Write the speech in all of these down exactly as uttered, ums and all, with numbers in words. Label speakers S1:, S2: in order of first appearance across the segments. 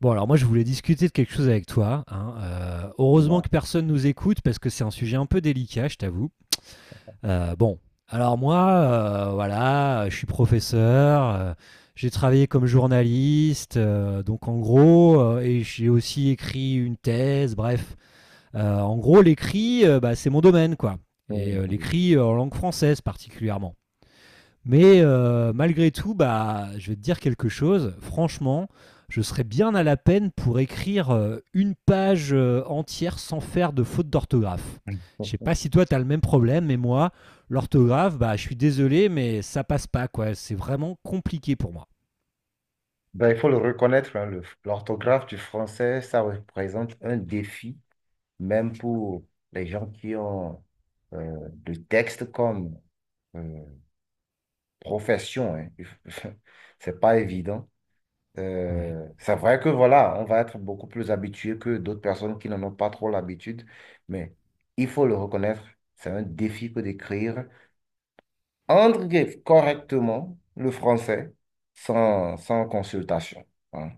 S1: Bon, alors moi, je voulais discuter de quelque chose avec toi, hein. Euh, heureusement
S2: Voilà.
S1: que personne nous écoute parce que c'est un sujet un peu délicat, je t'avoue. Euh, bon, alors moi, euh, voilà, je suis professeur, euh, j'ai travaillé comme journaliste, euh, donc en gros, euh, et j'ai aussi écrit une thèse, bref. Euh, en gros, l'écrit, euh, bah, c'est mon domaine, quoi. Et
S2: Oh,
S1: euh,
S2: oui.
S1: l'écrit euh, en langue française particulièrement. Mais euh, malgré tout, bah, je vais te dire quelque chose. Franchement, je serais bien à la peine pour écrire euh, une page euh, entière sans faire de faute d'orthographe. Je sais pas si toi, tu as le même problème, mais moi, l'orthographe, bah, je suis désolé, mais ça passe pas, quoi. C'est vraiment compliqué pour moi.
S2: Ben, il faut le reconnaître, hein, le- l'orthographe du français, ça représente un défi, même pour les gens qui ont euh, le texte comme euh, profession. Hein. C'est pas évident.
S1: Ouais.
S2: Euh, c'est vrai que voilà, on va être beaucoup plus habitué que d'autres personnes qui n'en ont pas trop l'habitude, mais il faut le reconnaître, c'est un défi que d'écrire Engrave correctement le français sans, sans consultation, hein.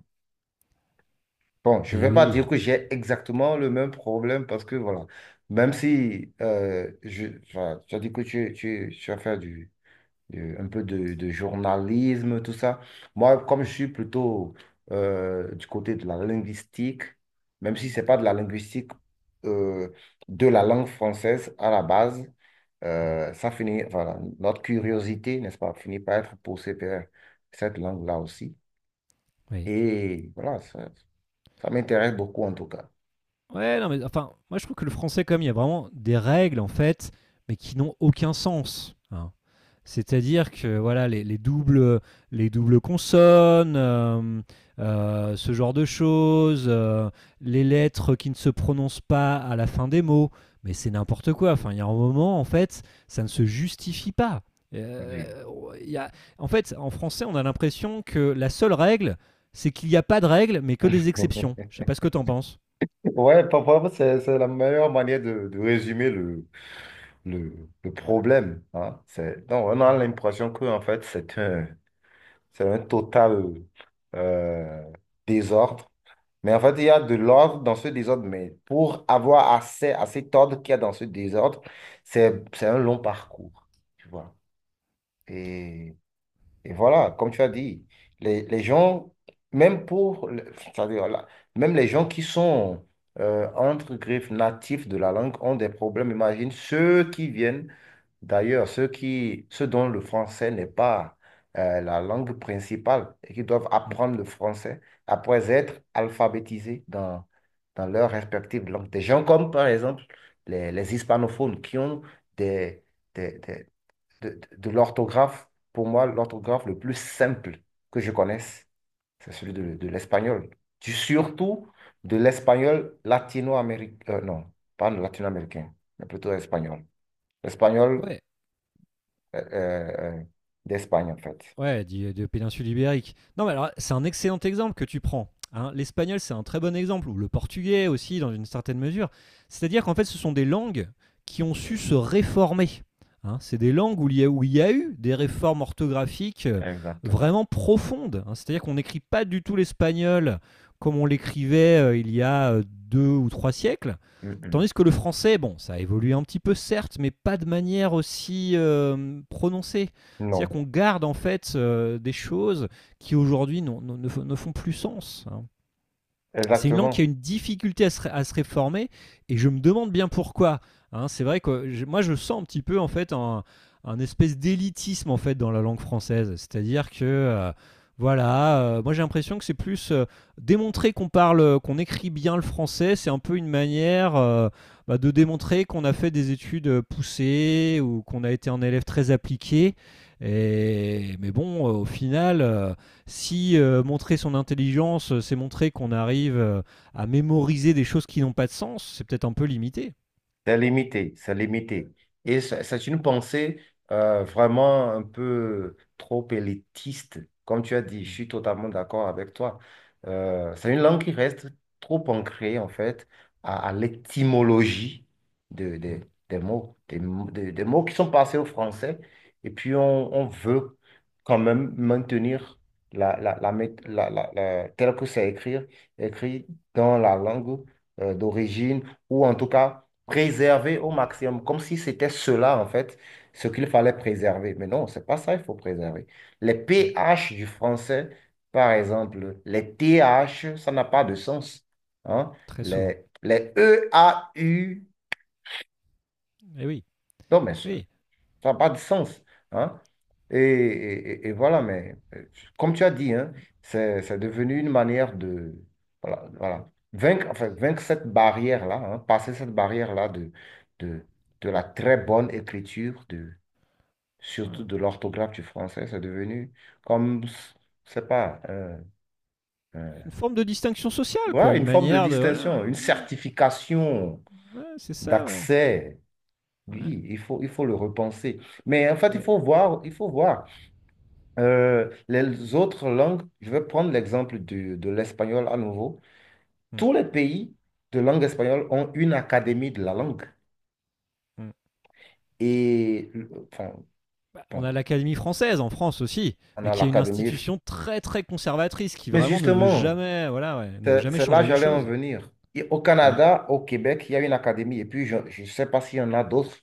S2: Bon, je ne
S1: Mais
S2: vais pas dire
S1: oui.
S2: que j'ai exactement le même problème parce que voilà, même si euh, je, enfin, tu as dit que tu, tu, tu as fait du, du- un peu de, de journalisme, tout ça. Moi, comme je
S1: Mm.
S2: suis plutôt euh, du côté de la linguistique, même si ce n'est pas de la linguistique euh, de la langue française à la base,
S1: Mm.
S2: euh, ça finit, voilà, notre curiosité, n'est-ce pas, finit par être poussée vers cette langue-là aussi.
S1: Oui.
S2: Et voilà, ça, ça m'intéresse beaucoup en tout cas.
S1: Ouais, non, mais enfin, moi je trouve que le français, comme il y a vraiment des règles en fait, mais qui n'ont aucun sens, hein. C'est-à-dire que voilà, les, les doubles, les doubles consonnes, euh, euh, ce genre de choses, euh, les lettres qui ne se prononcent pas à la fin des mots, mais c'est n'importe quoi. Enfin, il y a un moment en fait, ça ne se justifie pas. Euh,
S2: Oui.
S1: il y a- En fait, en français, on a l'impression que la seule règle, c'est qu'il n'y a pas de règle, mais que des exceptions. Je sais pas ce que t'en penses.
S2: Ouais, parfois, c'est, c'est la meilleure manière de, de résumer le, le, le problème, hein. C'est, donc, on a l'impression que, en fait, c'est un, c'est un total euh, désordre. Mais en fait, il y a de l'ordre dans ce désordre, mais pour avoir accès à cet ordre qu'il y a dans ce désordre, c'est, c'est un long parcours, tu vois. Et, et voilà, comme tu as dit, les, les gens, même pour, le- c'est-à-dire, là, même les gens qui sont, euh, entre griffes, natifs de la langue ont des problèmes. Imagine ceux qui viennent. D'ailleurs, ceux qui, ceux dont le français n'est pas euh, la langue principale et qui doivent
S1: Mmh,
S2: apprendre le français après être alphabétisés dans, dans leur respective langue. Des gens comme, par exemple, les, les hispanophones qui ont des, des- des- de, de l'orthographe. Pour moi, l'orthographe le plus simple que je connaisse, c'est celui
S1: mmh.
S2: de, de l'espagnol. Du- Surtout de l'espagnol latino-américain. Non, pas latino-américain, mais plutôt espagnol. L'espagnol
S1: Ouais,
S2: euh, euh, d'Espagne, en fait.
S1: ouais, dit- de péninsule ibérique. Non, mais alors, c'est un excellent exemple que tu prends, hein. L'espagnol, c'est un très bon exemple, ou le portugais aussi, dans une certaine mesure. C'est-à-dire qu'en fait, ce sont des langues qui ont su se réformer, hein. C'est des langues où il, y a, où il y a eu des réformes orthographiques euh,
S2: Exactement.
S1: vraiment profondes, hein. C'est-à-dire qu'on n'écrit pas du tout l'espagnol comme on l'écrivait euh, il y a euh, deux ou trois siècles.
S2: Mm, mm.
S1: Tandis que le français, bon, ça a évolué un petit peu certes, mais pas de manière aussi euh, prononcée.
S2: Non,
S1: C'est-à-dire qu'on garde en fait euh, des choses qui aujourd'hui ne, ne font plus sens, hein. C'est une langue
S2: exactement.
S1: qui a une difficulté à se, à se réformer et je me demande bien pourquoi, hein. C'est vrai que je- moi je sens un petit peu en fait un, un espèce d'élitisme en fait dans la langue française, c'est-à-dire que euh, voilà, euh, moi j'ai l'impression que c'est plus euh, démontrer qu'on parle, qu'on écrit bien le français, c'est un peu une manière euh, bah, de démontrer qu'on a fait des études euh, poussées ou qu'on a été un élève très appliqué. Et, mais bon, euh, au final, euh, si euh, montrer son intelligence, euh, c'est montrer qu'on arrive euh, à mémoriser des choses qui n'ont pas de sens, c'est peut-être un peu limité.
S2: C'est limité, c'est limité. Et c'est c'est une pensée euh, vraiment un peu trop élitiste. Comme tu as dit, je
S1: Mm,
S2: suis totalement d'accord avec toi. Euh, c'est une langue qui reste trop ancrée, en fait, à, à l'étymologie de, de-
S1: mm,
S2: des mots, des, mo- des- des mots qui sont passés au français. Et puis, on, on veut quand même maintenir la, la, la, mét- la, la- la- tel que c'est écrit, écrit dans la langue euh, d'origine, ou en tout cas ok, préserver au maximum, comme si c'était cela, en fait, ce qu'il fallait préserver. Mais non, c'est pas ça, il faut préserver. Les
S1: mm.
S2: pH du français, par exemple, les T H, ça n'a pas de sens, hein.
S1: Très souvent.
S2: Les, les E A u
S1: Et oui,
S2: non, mais ça-
S1: oui.
S2: ça n'a pas de sens, hein? Et, et- et- et voilà, mais euh, comme tu as dit, hein, c'est, c'est devenu une manière de, voilà, voilà, vaincre, enfin, vaincre cette barrière-là, hein, passer cette barrière-là de, de, de la très bonne écriture, de, surtout
S1: Ouais.
S2: de l'orthographe du français, c'est devenu comme, je sais pas, un-
S1: Une
S2: un-
S1: forme de distinction sociale, quoi.
S2: ouais,
S1: Une
S2: une forme de
S1: manière de. Voilà.
S2: distinction, une
S1: Mmh,
S2: certification
S1: ouais, c'est ça, ouais.
S2: d'accès. Oui,
S1: Ouais.
S2: il faut, il faut le repenser. Mais en fait, il faut
S1: Mais.
S2: voir, il faut voir. Euh, les autres langues, je vais prendre l'exemple du- de l'espagnol à nouveau.
S1: Mm,
S2: Tous les pays de langue espagnole ont une académie de la langue.
S1: mm.
S2: Et enfin,
S1: Bah, on a
S2: bon,
S1: l'Académie française en France aussi,
S2: on
S1: mais
S2: a
S1: qui est une
S2: l'académie.
S1: institution très très conservatrice qui
S2: Mais
S1: vraiment ne veut
S2: justement,
S1: jamais, voilà, ouais, ne veut
S2: c'est
S1: jamais
S2: c'est là
S1: changer
S2: que
S1: les
S2: j'allais en
S1: choses.
S2: venir. Et au
S1: Ouais.
S2: Canada, au Québec, il y a une académie. Et puis, je ne sais pas s'il y en a d'autres.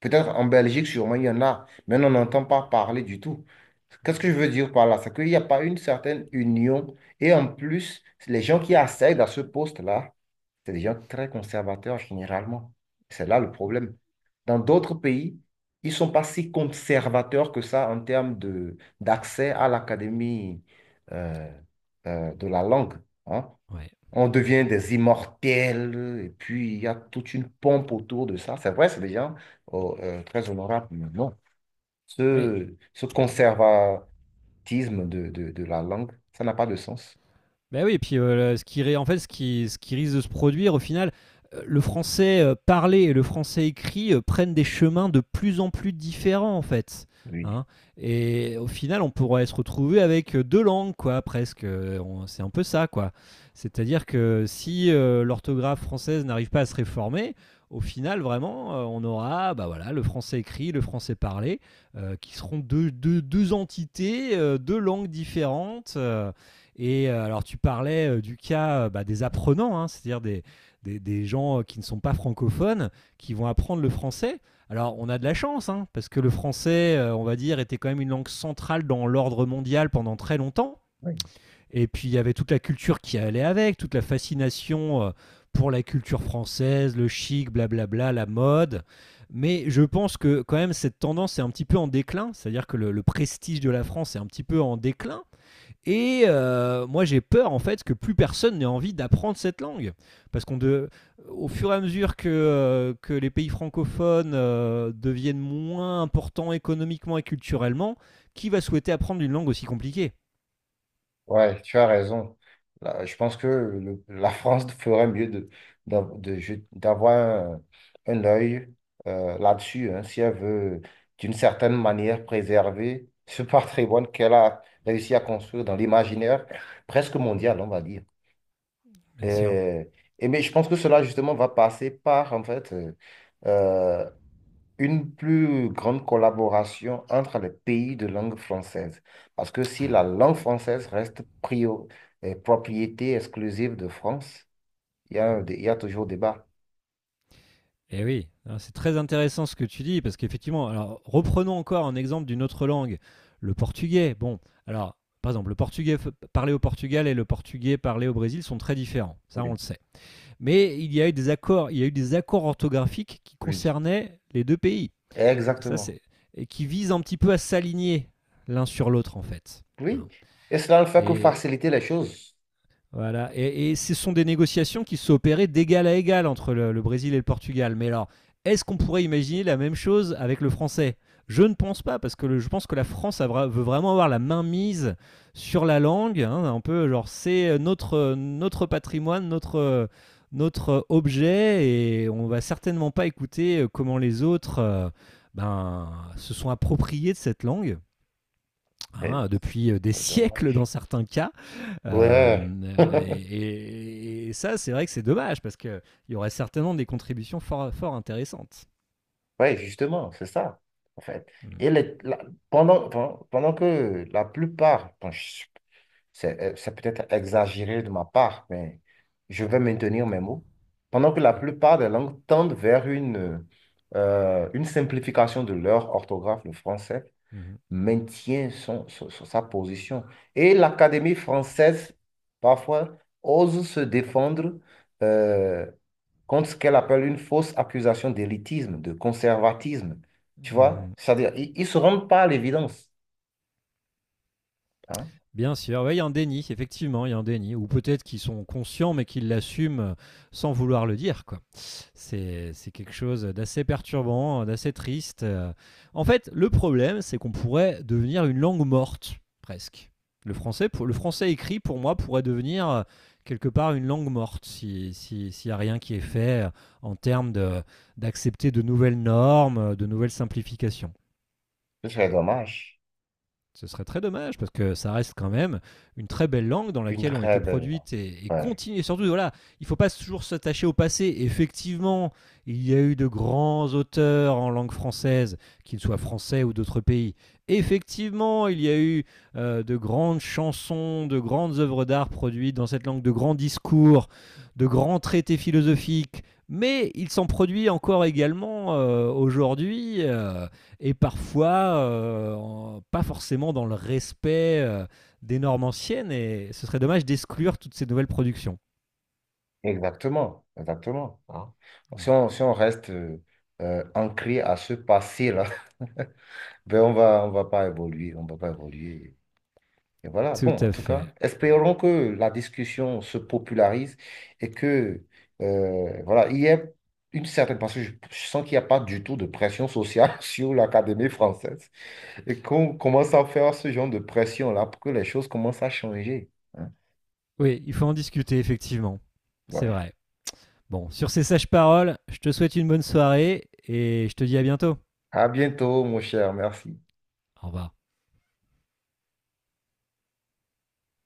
S2: Peut-être en Belgique, sûrement, il y en a. Mais on n'entend pas parler du tout. Qu'est-ce que je
S1: Mm-hmm.
S2: veux dire par là? C'est qu'il n'y a pas une certaine union. Et en plus, les gens qui accèdent à ce poste-là, c'est des gens très conservateurs généralement. C'est là le problème. Dans d'autres pays, ils ne sont pas si conservateurs que ça en termes de, d'accès à l'académie euh, euh, de la langue, hein.
S1: Ouais.
S2: On devient des immortels et puis il y a toute une pompe autour de ça. C'est vrai, c'est des gens oh, euh, très honorables, mais non.
S1: Oui.
S2: Ce, ce conservatisme de, de, de la langue, ça n'a pas de sens.
S1: Ben oui, et puis euh, ce qui, ré- en fait, ce qui, ce qui risque de se produire au final, euh, le français euh, parlé et le français écrit euh, prennent des chemins de plus en plus différents en fait,
S2: Oui.
S1: hein. Et au final, on pourrait se retrouver avec euh, deux langues, quoi, presque. Euh, on- C'est un peu ça, quoi. C'est-à-dire que si euh, l'orthographe française n'arrive pas à se réformer, au final, vraiment, euh, on aura bah voilà, le français écrit, le français parlé, euh, qui seront deux, deux, deux entités, euh, deux langues différentes. euh, et euh, alors, tu parlais euh, du cas euh, bah, des apprenants, hein, c'est-à-dire des, des, des gens euh, qui ne sont pas francophones, qui vont apprendre le français. Alors, on a de la chance, hein, parce que le français, euh, on va dire, était quand même une langue centrale dans l'ordre mondial pendant très longtemps.
S2: Oui.
S1: Et puis, il y avait toute la culture qui allait avec, toute la fascination euh, pour la culture française, le chic, blablabla, la mode. Mais je pense que quand même, cette tendance est un petit peu en déclin, c'est-à-dire que le, le prestige de la France est un petit peu en déclin. Et euh, moi, j'ai peur en fait que plus personne n'ait envie d'apprendre cette langue. Parce qu'on de, Au fur et à mesure que, euh, que les pays francophones euh, deviennent moins importants économiquement et culturellement, qui va souhaiter apprendre une langue aussi compliquée.
S2: Ouais, tu as raison. Là, je pense que le- la France ferait mieux de, d'av- de jet- d'avoir un, un œil euh, là-dessus, hein, si elle veut, d'une certaine manière, préserver ce patrimoine qu'elle a réussi à construire dans l'imaginaire presque mondial, on va dire.
S1: Bien sûr.
S2: Et, et mais je pense que cela, justement, va passer par, en fait, euh, une plus grande collaboration entre les pays de langue française. Parce que si la langue française reste prio- euh, propriété exclusive de France, il y a, un dé- il y a toujours débat.
S1: Eh oui, hein, c'est très intéressant ce que tu dis, parce qu'effectivement, alors reprenons encore un exemple d'une autre langue, le portugais. Bon, alors, par exemple, le portugais f- parlé au Portugal et le portugais parlé au Brésil sont très différents, ça on
S2: Oui,
S1: le sait. Mais il y a eu des accords, il y a eu des accords orthographiques qui
S2: oui.
S1: concernaient les deux pays. Ça,
S2: Exactement.
S1: c'est et qui visent un petit peu à s'aligner l'un sur l'autre en fait. Hein.
S2: Oui. Et cela ne fait que
S1: Et
S2: faciliter les choses.
S1: voilà, et, et ce sont des négociations qui se sont opérées d'égal à égal entre le, le Brésil et le Portugal. Mais alors, est-ce qu'on pourrait imaginer la même chose avec le français? Je ne pense pas, parce que le- je pense que la France a veut vraiment avoir la main mise sur la langue, hein, un peu genre c'est notre, euh, notre patrimoine, notre, euh, notre objet, et on va certainement pas écouter euh, comment les autres euh, ben, se sont appropriés de cette langue,
S2: Eh,
S1: hein, depuis euh, des
S2: c'est
S1: siècles dans
S2: dommage.
S1: certains cas.
S2: Ouais.
S1: Euh, et, et ça, c'est vrai que c'est dommage parce qu'il y aurait certainement des contributions fort, fort intéressantes.
S2: Oui, justement, c'est ça, en fait.
S1: Mm,
S2: Et les- la- pendant, pen- pendant que la plupart, bon, c'est, euh, c'est peut-être exagéré de ma part, mais je vais maintenir mes mots. Pendant que la
S1: oui.
S2: plupart des langues tendent vers une, euh, une simplification de leur orthographe, le français
S1: Mhm.
S2: maintient son, son- son- sa position. Et l'Académie française, parfois, ose se défendre euh, contre ce qu'elle appelle une fausse accusation d'élitisme, de conservatisme. Tu vois?
S1: Mhm.
S2: C'est-à-dire, ils ne se rendent pas à l'évidence, hein.
S1: Bien sûr. Ouais, il y a un déni, effectivement, il y a un déni. Ou peut-être qu'ils sont conscients mais qu'ils l'assument sans vouloir le dire, quoi. C'est c'est quelque chose d'assez perturbant, d'assez triste. Euh, En fait, le problème, c'est qu'on pourrait devenir une langue morte, presque. Le français, pour- le français écrit, pour moi, pourrait devenir euh, quelque part une langue morte si- si- s'il n'y a rien qui est fait euh, en termes de- d'accepter de nouvelles normes, euh, de nouvelles simplifications.
S2: C'est très dommage.
S1: Ce serait très dommage parce que ça reste quand même une très belle langue dans
S2: Une
S1: laquelle ont été
S2: très belle langue.
S1: produites et, et
S2: Ouais.
S1: continuent. Et surtout, voilà, il ne faut pas toujours s'attacher au passé. Effectivement, il y a eu de grands auteurs en langue française, qu'ils soient français ou d'autres pays. Effectivement, il y a eu euh, de grandes chansons, de grandes œuvres d'art produites dans cette langue, de grands discours, de grands traités philosophiques. Mais il s'en produit encore également euh, aujourd'hui, euh, et parfois euh, en- pas forcément dans le respect euh, des normes anciennes, et ce serait dommage d'exclure toutes ces nouvelles productions.
S2: Exactement, exactement, hein.
S1: Mm.
S2: Si on, si on reste euh, euh, ancré à ce passé-là, ben on va, on va pas évoluer, on va pas évoluer. Et voilà.
S1: Tout
S2: Bon, en
S1: à
S2: tout cas,
S1: fait.
S2: espérons que la discussion se popularise et que, euh, voilà, il y ait une certaine... Parce que je, je sens qu'il n'y a pas du tout de pression sociale sur l'Académie française et qu'on commence à faire ce genre de pression-là pour que les choses commencent à changer, hein.
S1: Oui, il faut en discuter, effectivement. C'est
S2: Ouais.
S1: vrai. Bon, sur ces sages paroles, je te souhaite une bonne soirée, et je te dis à bientôt.
S2: À bientôt, mon cher. Merci.
S1: Au revoir.